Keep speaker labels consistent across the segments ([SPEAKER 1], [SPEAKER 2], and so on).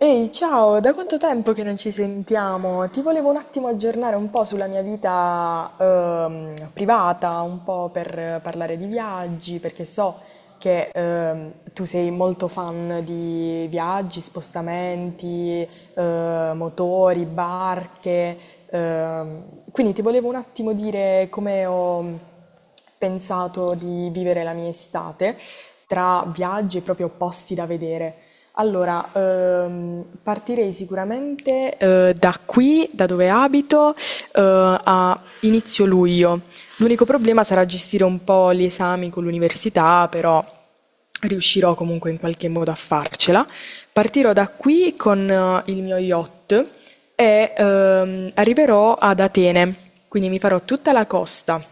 [SPEAKER 1] Ehi, ciao, da quanto tempo che non ci sentiamo? Ti volevo un attimo aggiornare un po' sulla mia vita privata, un po' per parlare di viaggi, perché so che tu sei molto fan di viaggi, spostamenti, motori, barche, ehm, quindi ti volevo un attimo dire come ho pensato di vivere la mia estate tra viaggi e proprio posti da vedere. Allora, partirei sicuramente da qui, da dove abito, a inizio luglio. L'unico problema sarà gestire un po' gli esami con l'università, però riuscirò comunque in qualche modo a farcela. Partirò da qui con il mio yacht e arriverò ad Atene, quindi mi farò tutta la costa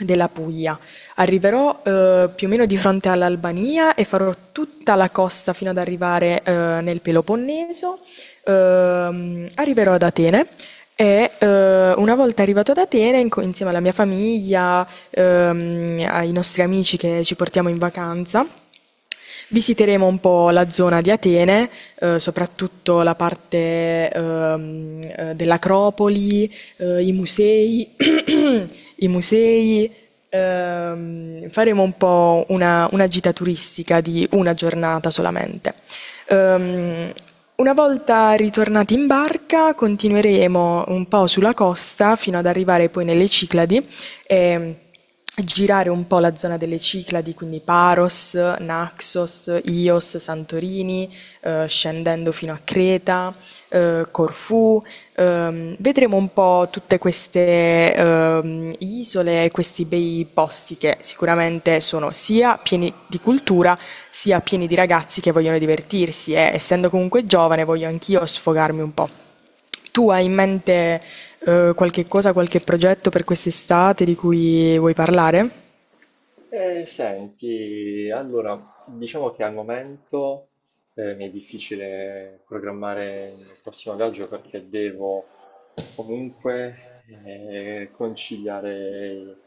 [SPEAKER 1] della Puglia. Arriverò più o meno di fronte all'Albania e farò tutta la costa fino ad arrivare nel Peloponneso. Arriverò ad Atene e una volta arrivato ad Atene, insieme alla mia famiglia, ai nostri amici che ci portiamo in vacanza, visiteremo un po' la zona di Atene, soprattutto la parte dell'Acropoli, i musei, i musei. Faremo un po' una gita turistica di una giornata solamente. Una volta ritornati in barca continueremo un po' sulla costa fino ad arrivare poi nelle Cicladi e girare un po' la zona delle Cicladi, quindi Paros, Naxos, Ios, Santorini, scendendo fino a Creta, Corfù. Vedremo un po' tutte queste isole e questi bei posti che sicuramente sono sia pieni di cultura, sia pieni di ragazzi che vogliono divertirsi, e essendo comunque giovane voglio anch'io sfogarmi un po'. Tu hai in mente qualche cosa, qualche progetto per quest'estate di cui vuoi parlare?
[SPEAKER 2] Senti, allora, diciamo che al momento mi è difficile programmare il prossimo viaggio perché devo comunque conciliare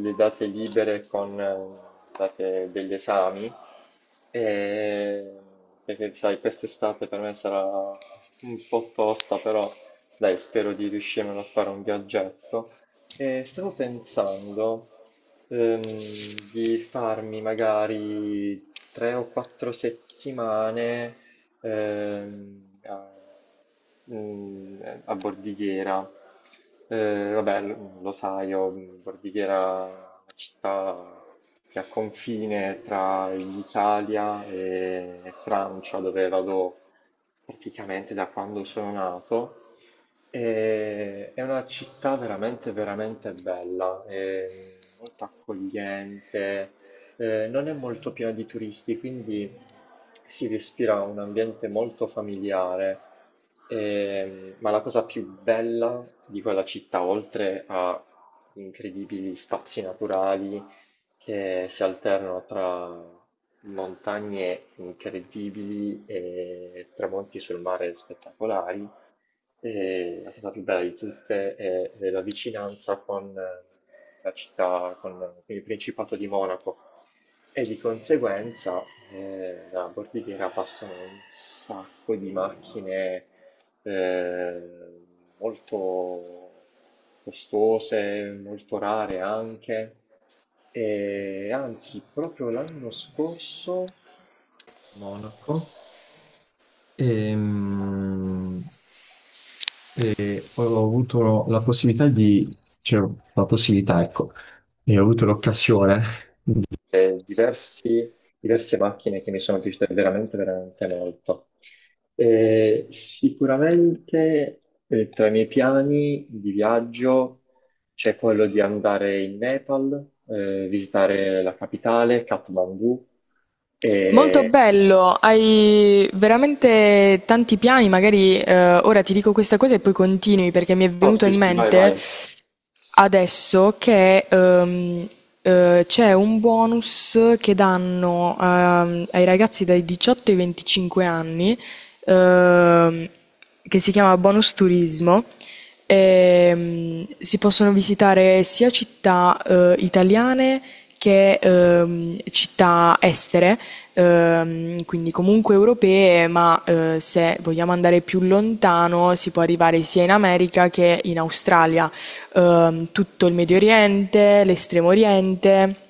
[SPEAKER 2] le date libere con date degli esami, e, perché sai, quest'estate per me sarà un po' tosta, però dai, spero di riuscire a fare un viaggetto. E stavo pensando di farmi magari tre o quattro settimane ehm, a, a Bordighera. Vabbè, lo sai, io, Bordighera è una città che ha confine tra l'Italia e Francia, dove vado praticamente da quando sono nato. È una città veramente, veramente bella, è molto accogliente, non è molto piena di turisti, quindi si respira un ambiente molto familiare. Ma la cosa più bella di quella città, oltre a incredibili spazi naturali che si alternano tra montagne incredibili e tramonti sul mare spettacolari. E la cosa più bella di tutte è la vicinanza con la città, con il Principato di Monaco e di conseguenza la Bordighera passano un sacco di macchine eh, molto costose, molto rare anche. E anzi, proprio l'anno scorso, Monaco. Ehm, E poi ho avuto la possibilità di, cioè, la possibilità, ecco, e ho avuto l'occasione eh, diversi- diverse macchine che mi sono piaciute veramente, veramente molto. Sicuramente tra i miei piani di viaggio c'è quello di andare in Nepal, visitare la capitale, Kathmandu.
[SPEAKER 1] Molto
[SPEAKER 2] E...
[SPEAKER 1] bello, hai veramente tanti piani, magari ora ti dico questa cosa e poi continui perché mi è
[SPEAKER 2] Oh,
[SPEAKER 1] venuto
[SPEAKER 2] sì,
[SPEAKER 1] in
[SPEAKER 2] sì, vai,
[SPEAKER 1] mente
[SPEAKER 2] vai.
[SPEAKER 1] adesso che c'è un bonus che danno ai ragazzi dai 18 ai 25 anni, ehm, che si chiama bonus turismo. Si possono visitare sia città italiane che città estere, quindi comunque europee, ma se vogliamo andare più lontano si può arrivare sia in America che in Australia. Tutto il Medio Oriente, l'Estremo Oriente.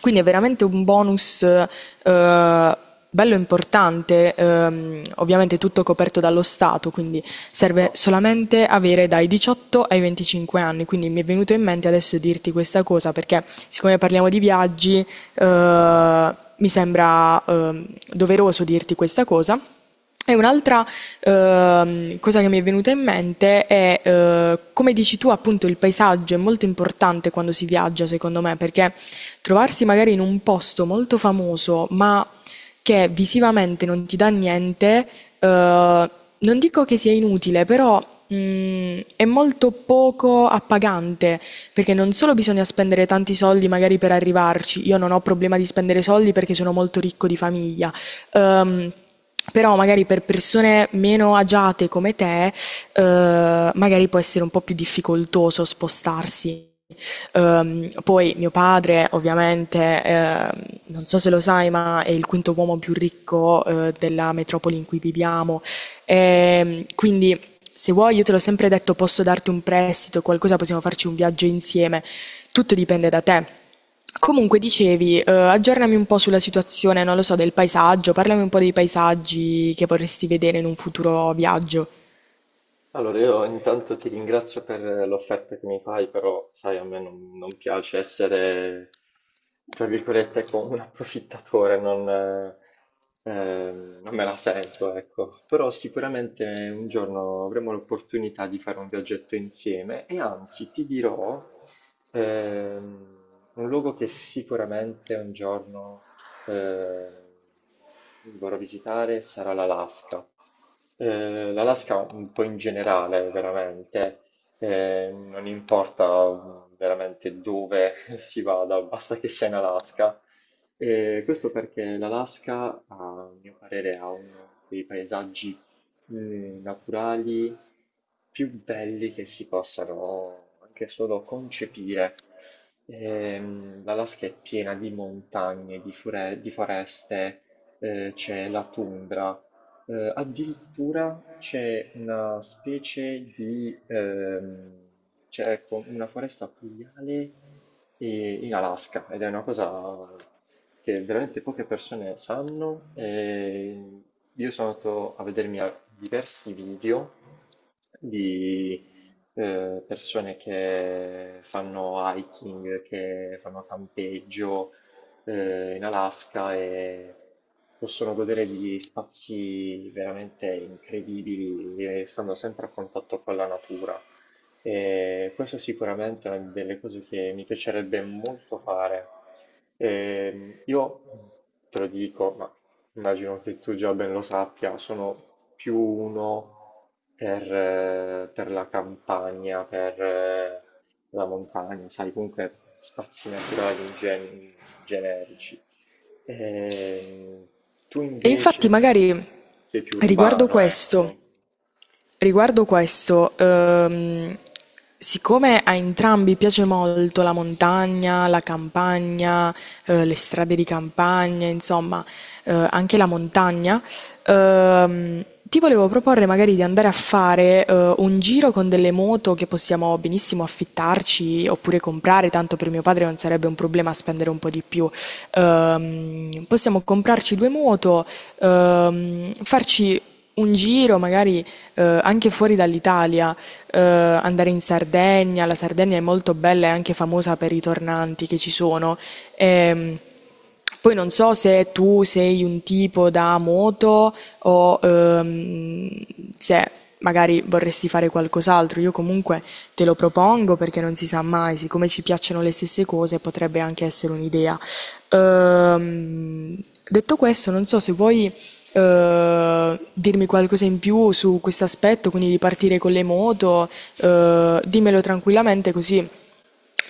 [SPEAKER 1] Quindi è veramente un bonus bello importante, ovviamente tutto coperto dallo Stato, quindi serve solamente avere dai 18 ai 25 anni. Quindi mi è venuto in mente adesso dirti questa cosa perché siccome parliamo di viaggi, mi sembra doveroso dirti questa cosa. E un'altra cosa che mi è venuta in mente è, come dici tu, appunto, il paesaggio è molto importante quando si viaggia, secondo me, perché trovarsi magari in un posto molto famoso, ma che visivamente non ti dà niente, eh, non dico che sia inutile, però è molto poco appagante, perché non solo bisogna spendere tanti soldi magari per arrivarci, io non ho problema di spendere soldi perché sono molto ricco di famiglia. Ehm, Però magari per persone meno agiate come te, magari può essere un po' più difficoltoso spostarsi. Poi mio padre ovviamente, non so se lo sai, ma è il quinto uomo più ricco, della metropoli in cui viviamo. Quindi se vuoi, io te l'ho sempre detto, posso darti un prestito, qualcosa, possiamo farci un viaggio insieme. Tutto dipende da te. Comunque dicevi, aggiornami un po' sulla situazione, non lo so, del paesaggio, parlami un po' dei paesaggi che vorresti vedere in un futuro viaggio.
[SPEAKER 2] Allora, io intanto ti ringrazio per l'offerta che mi fai, però sai, a me non, non piace essere, tra virgolette, come un approfittatore, non, non me la sento, ecco. Però sicuramente un giorno avremo l'opportunità di fare un viaggetto insieme e anzi ti dirò ehm, un luogo che sicuramente un giorno eh, vorrò visitare sarà l'Alaska. L'Alaska un po' in generale, veramente, non importa veramente dove si vada, basta che sia in Alaska. Questo perché l'Alaska, a mio parere, ha uno dei paesaggi, naturali più belli che si possano anche solo concepire. L'Alaska è piena di montagne, di foreste, c'è la tundra. Addirittura c'è una specie di, c'è ecco, una foresta pluviale in Alaska ed è una cosa che veramente poche persone sanno. E io sono andato a vedermi a diversi video di persone che fanno hiking, che fanno campeggio in Alaska e possono godere di spazi veramente incredibili, stando sempre a contatto con la natura. E questo sicuramente è una delle cose che mi piacerebbe molto fare. Io te lo dico, ma immagino che tu già ben lo sappia, sono più uno per la campagna, per la montagna, sai, comunque spazi naturali in generici. Ehm, Tu
[SPEAKER 1] E infatti
[SPEAKER 2] invece
[SPEAKER 1] magari
[SPEAKER 2] sei più
[SPEAKER 1] riguardo
[SPEAKER 2] urbano,
[SPEAKER 1] questo...
[SPEAKER 2] ecco.
[SPEAKER 1] Riguardo questo, siccome a entrambi piace molto la montagna, la campagna, le strade di campagna, insomma, anche la montagna, ti volevo proporre magari di andare a fare, un giro con delle moto che possiamo benissimo affittarci oppure comprare, tanto per mio padre non sarebbe un problema spendere un po' di più. Possiamo comprarci 2 moto, farci un giro magari anche fuori dall'Italia, andare in Sardegna, la Sardegna è molto bella e anche famosa per i tornanti che ci sono. Ehm, Poi non so se tu sei un tipo da moto o se magari vorresti fare qualcos'altro. Io comunque te lo propongo perché non si sa mai, siccome ci piacciono le stesse cose, potrebbe anche essere un'idea. Ehm, Detto questo, non so se vuoi dirmi qualcosa in più su questo aspetto, quindi di partire con le moto, dimmelo tranquillamente così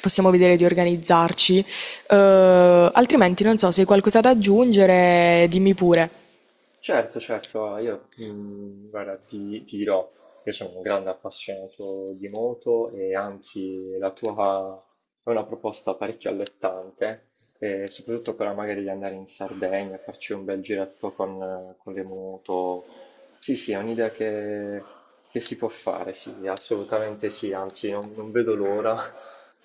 [SPEAKER 1] possiamo vedere di organizzarci. Altrimenti non so se hai qualcosa da aggiungere, dimmi pure.
[SPEAKER 2] Certo, certo, ah, io guarda, ti dirò, io sono un grande appassionato di moto e anzi la tua è una proposta parecchio allettante, soprattutto quella magari di andare in Sardegna, farci un bel giretto con le moto. Sì, sì, è un'idea che si può fare, sì, assolutamente sì, anzi non vedo l'ora.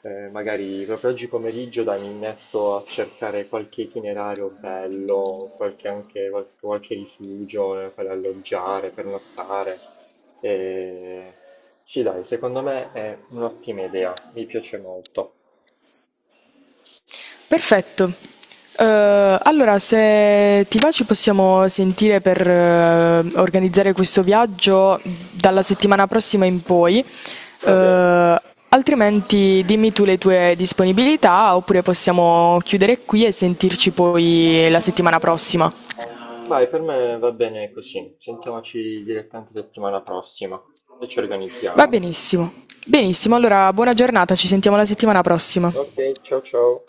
[SPEAKER 2] Magari proprio oggi pomeriggio, dai, mi metto a cercare qualche itinerario bello, qualche, anche, qualche rifugio per alloggiare, per nottare. Eh, sì, dai, secondo me è un'ottima idea, mi piace molto.
[SPEAKER 1] Perfetto. Allora, se ti va ci possiamo sentire per organizzare questo viaggio dalla settimana prossima in poi.
[SPEAKER 2] Va bene.
[SPEAKER 1] Eh, altrimenti dimmi tu le tue disponibilità oppure possiamo chiudere qui e sentirci poi la settimana prossima.
[SPEAKER 2] Vai, per me va bene così. Sentiamoci direttamente settimana prossima e ci
[SPEAKER 1] Va
[SPEAKER 2] organizziamo.
[SPEAKER 1] benissimo. Benissimo, allora buona giornata, ci sentiamo la settimana prossima.
[SPEAKER 2] Ok, ciao ciao.